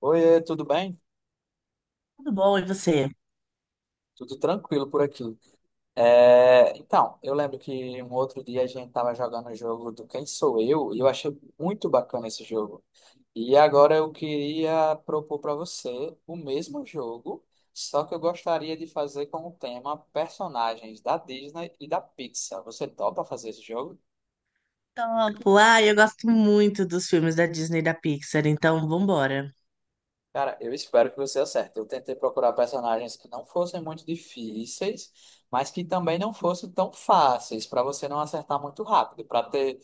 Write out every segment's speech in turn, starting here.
Oi, tudo bem? Tudo bom, e você? Tudo tranquilo por aqui. Eu lembro que um outro dia a gente estava jogando o jogo do Quem Sou Eu e eu achei muito bacana esse jogo. E agora eu queria propor para você o mesmo jogo, só que eu gostaria de fazer com o tema personagens da Disney e da Pixar. Você topa fazer esse jogo? Topo. Eu gosto muito dos filmes da Disney e da Pixar, então vambora. Um Cara, eu espero que você acerte. Eu tentei procurar personagens que não fossem muito difíceis, mas que também não fossem tão fáceis, para você não acertar muito rápido, para ter um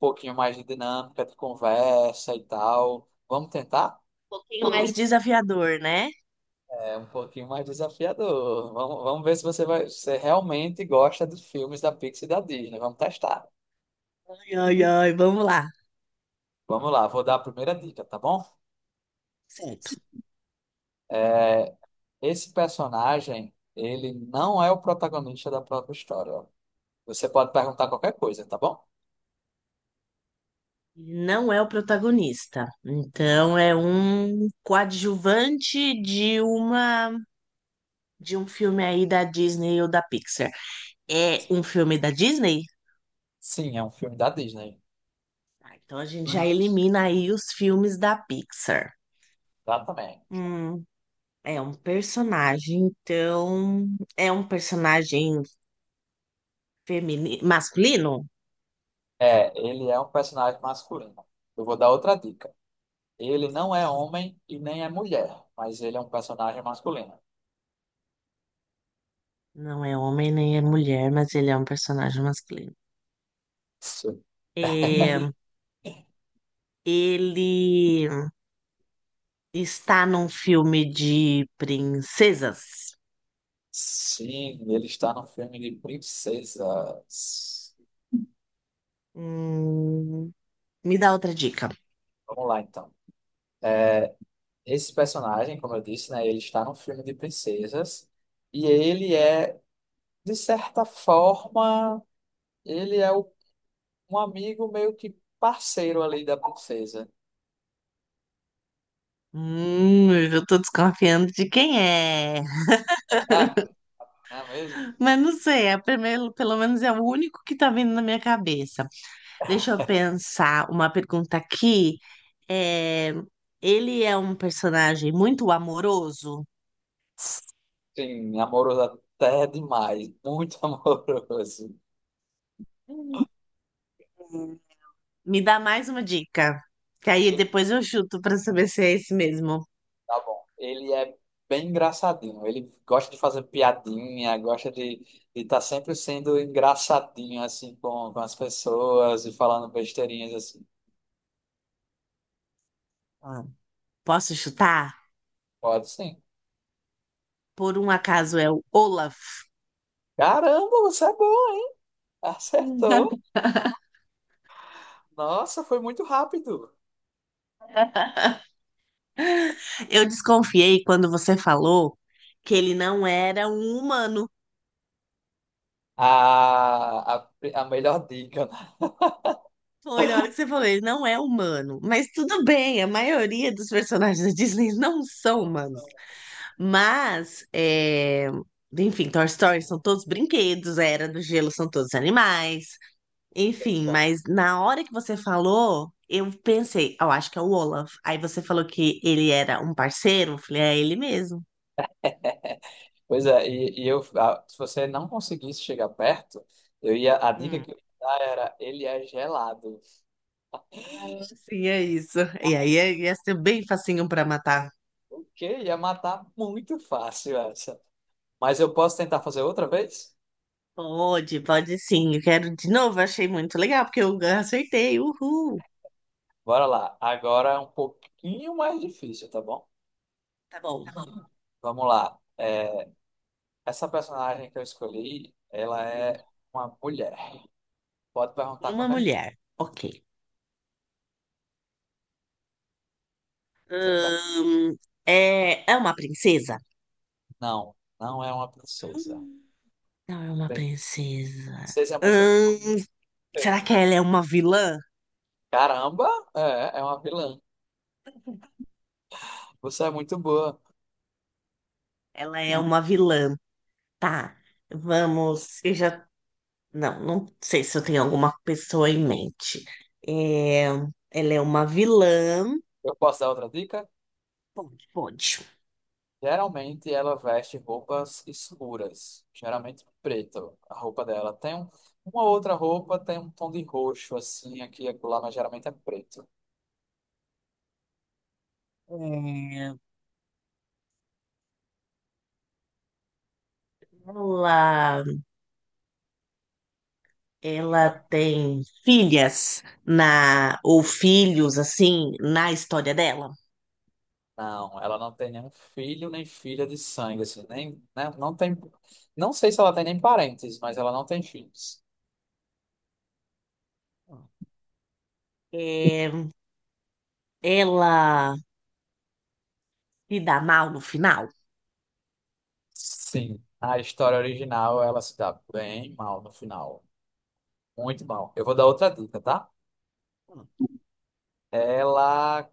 pouquinho mais de dinâmica de conversa e tal. Vamos tentar? pouquinho mais desafiador, né? É um pouquinho mais desafiador. Vamos ver se você vai, se você realmente gosta dos filmes da Pixar e da Disney. Vamos testar. Ai, ai, ai, vamos lá. Vamos lá, vou dar a primeira dica, tá bom? Certo. É, esse personagem, ele não é o protagonista da própria história. Você pode perguntar qualquer coisa, tá bom? Não é o protagonista, então é um coadjuvante de um filme aí da Disney ou da Pixar. É um filme da Disney? Sim, é um filme da Disney. Tá, então a gente já elimina aí os filmes da Pixar. Exatamente. Hum, é um personagem, então é um personagem feminino, masculino? É, ele é um personagem masculino. Eu vou dar outra dica. Ele não é homem e nem é mulher, mas ele é um personagem masculino. Não é homem nem é mulher, mas ele é um personagem masculino. Sim, É, Ele está num filme de princesas. Sim, ele está no filme de princesas. Hum, me dá outra dica. Vamos lá, então. Esse personagem, como eu disse, né, ele está no filme de princesas e de certa forma, ele é o um amigo meio que parceiro ali da princesa. Eu tô desconfiando de quem é. Ah, é mesmo? Mas não sei, primeiro, pelo menos é o único que tá vindo na minha cabeça. Deixa eu pensar uma pergunta aqui. É, Ele é um personagem muito amoroso? Sim, amoroso até demais, muito amoroso. Hum. Me dá mais uma dica, que aí Ele depois eu chuto pra saber se é esse mesmo. tá bom. Ele é bem engraçadinho. Ele gosta de fazer piadinha, gosta de estar sempre sendo engraçadinho assim com as pessoas e falando besteirinhas assim. Ah. Posso chutar? Pode sim. Por um acaso é o Olaf. Caramba, você é boa! Acertou! Nossa, foi muito rápido. Eu desconfiei quando você falou que ele não era um humano. A, a, a melhor dica, né? Foi na hora que você falou, ele não é humano. Mas tudo bem, a maioria dos personagens da Disney não são Não humanos. são. Mas, é, Enfim, Toy Story são todos brinquedos, a Era do Gelo são todos animais. Enfim, mas na hora que você falou, eu pensei, eu acho que é o Olaf. Aí você falou que ele era um parceiro, eu falei, é ele mesmo. Pois é, e eu, se você não conseguisse chegar perto, a dica Hum. que eu ia dar era, ele é gelado. Sim, é isso. E aí ia ser bem facinho pra matar. O quê? Ia matar muito fácil essa. Mas eu posso tentar fazer outra vez? Pode, pode sim. Eu quero de novo, eu achei muito legal, porque eu acertei. Uhul. Bora lá. Agora é um pouquinho mais difícil, tá bom? Tá bom. Tá Vamos lá. Essa personagem que eu escolhi, ela é uma mulher. Pode perguntar Uma qualquer coisa que mulher. Ok. quiser. Hum, é, é uma princesa? Não, não é uma princesa. Hum, Não é uma Bem, princesa. princesa é muito forte. Hum, será que ela é uma vilã? Caramba, é, é uma vilã. Você é muito boa. Ela é uma vilã. Tá, vamos. Eu já. Não, não sei se eu tenho alguma pessoa em mente. É, Ela é uma vilã. Eu posso dar outra dica? Pode, pode. Geralmente ela veste roupas escuras, geralmente preto. A roupa dela tem um- Uma outra roupa, tem um tom de roxo assim aqui e acolá, mas geralmente é preto. É, ela, Ela tem filhas na, ou filhos, assim, na história dela. Não, ela não tem nenhum filho nem filha de sangue, assim, nem, né, não tem, não sei se ela tem nem parentes, mas ela não tem filhos. É, Ela se dá mal no final. Sim, a história original ela se dá bem mal no final, muito mal. Eu vou dar outra dica, tá? Ela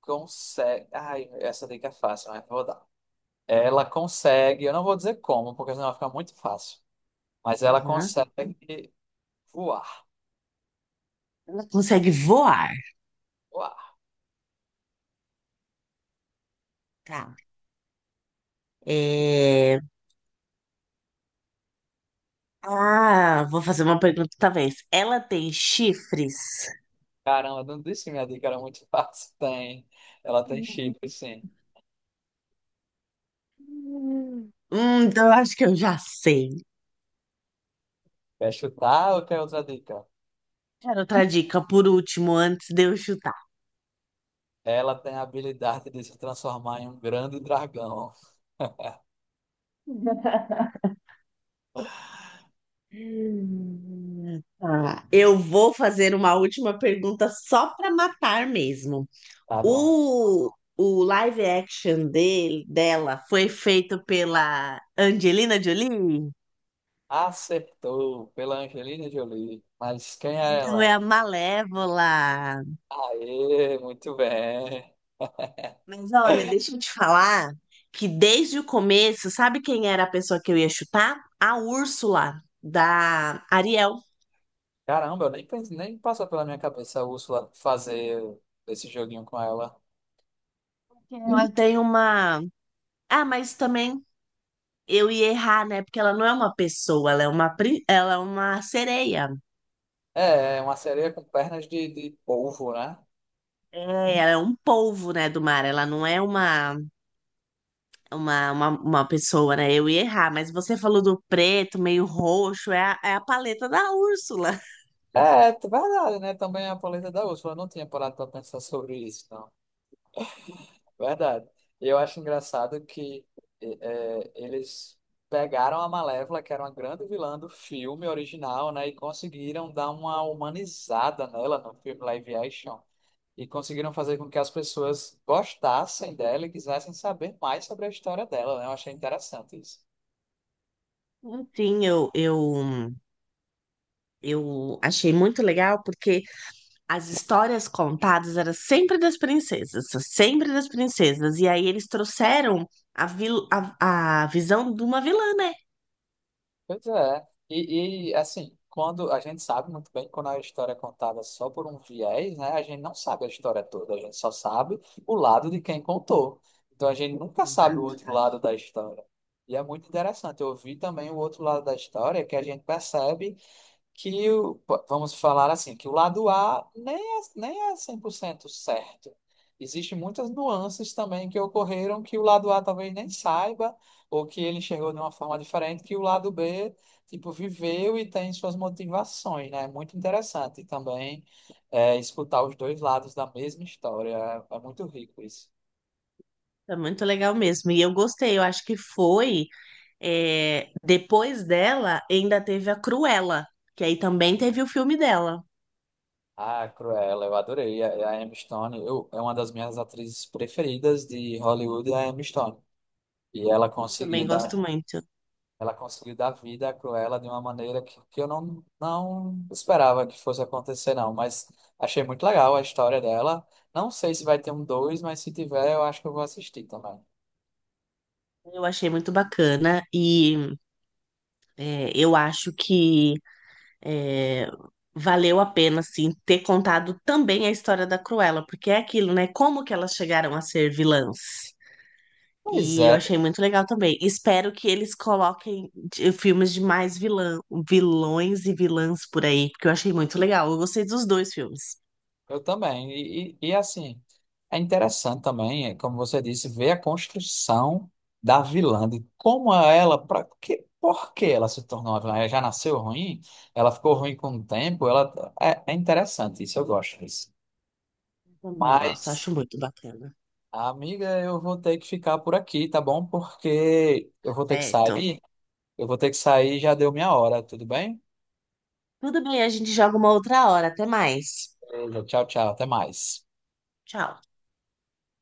consegue. Ai, essa dica é fácil, mas vou dar. Ela consegue, eu não vou dizer como, porque senão vai ficar muito fácil. Mas ela Aham. consegue voar. Ela consegue voar. Voar. Tá. É, Ah, vou fazer uma pergunta talvez. Ela tem chifres? Caramba, não disse que minha dica era muito fácil. Tem. Ela tem Hum. chifre, sim. Então eu acho que eu já sei. Quer chutar ou quer outra dica? Quero outra dica por último, antes de eu chutar. Ela tem a habilidade de se transformar em um grande dragão. Tá. Eu vou fazer uma última pergunta só para matar mesmo. Tá bom. O, o live action dele, dela foi feito pela Angelina Jolie? Acertou pela Angelina Jolie. Mas quem é Então é ela? a Malévola. Aê, muito bem. Mas olha, deixa eu te falar que desde o começo, sabe quem era a pessoa que eu ia chutar? A Úrsula, da Ariel. Caramba, eu nem, pens- nem passou pela minha cabeça a Úrsula fazer esse joguinho com ela. Uhum. Ela tem uma. Ah, mas também eu ia errar, né? Porque ela não é uma pessoa, ela é uma, ela é uma sereia. É, é uma sereia com pernas de polvo, né? É, ela é um polvo, né, do mar. Ela não é uma pessoa, né? Eu ia errar, mas você falou do preto, meio roxo, é a, é a paleta da Úrsula. É, verdade, né? Também a polenta da Úrsula. Eu não tinha parado para pensar sobre isso, não. Verdade. E eu acho engraçado que eles pegaram a Malévola, que era uma grande vilã do filme original, né? E conseguiram dar uma humanizada nela no filme live action. E conseguiram fazer com que as pessoas gostassem dela e quisessem saber mais sobre a história dela, né? Eu achei interessante isso. Enfim, eu, eu, eu achei muito legal porque. As histórias contadas eram sempre das princesas, sempre das princesas. E aí eles trouxeram a visão de uma vilã, né? Pois é. E assim, quando a gente sabe muito bem quando a história é contada só por um viés, né? A gente não sabe a história toda, a gente só sabe o lado de quem contou. Então a gente nunca sabe o Exato. outro lado da história. E é muito interessante. Eu vi também o outro lado da história que a gente percebe que vamos falar assim, que o lado A nem é 100% certo. Existem muitas nuances também que ocorreram que o lado A talvez nem saiba, ou que ele enxergou de uma forma diferente, que o lado B, tipo, viveu e tem suas motivações, né? É muito interessante também escutar os dois lados da mesma história. É, é muito rico isso. É muito legal mesmo. E eu gostei, eu acho que foi. É, depois dela, ainda teve a Cruella, que aí também teve o filme dela. Ah, Cruella, eu adorei. A Emma Stone, eu, é uma das minhas atrizes preferidas de Hollywood, é a Emma Stone. E ela Eu também conseguiu gosto dar muito. Ela conseguiu dar vida à Cruella de uma maneira que eu não esperava que fosse acontecer, não. Mas achei muito legal a história dela. Não sei se vai ter um dois, mas se tiver, eu acho que eu vou assistir também. Eu achei muito bacana. Eu acho que é, valeu a pena, sim, ter contado também a história da Cruella, porque é aquilo, né? Como que elas chegaram a ser vilãs? Pois E eu é, achei muito legal também. Espero que eles coloquem filmes de mais vilã, vilões e vilãs por aí, porque eu achei muito legal. Eu gostei dos dois filmes. eu também. E assim, é interessante também, é, como você disse, ver a construção da vilã, de como por que ela se tornou uma vilã? Ela já nasceu ruim? Ela ficou ruim com o tempo? É interessante isso, eu gosto disso. Eu também gosto, Mas, acho muito bacana. amiga, eu vou ter que ficar por aqui, tá bom? Porque eu vou ter que Certo. sair. Eu vou ter que sair, já deu minha hora, tudo bem? Tudo bem, a gente joga uma outra hora. Até mais. Então, tchau, tchau, até mais. Tchau.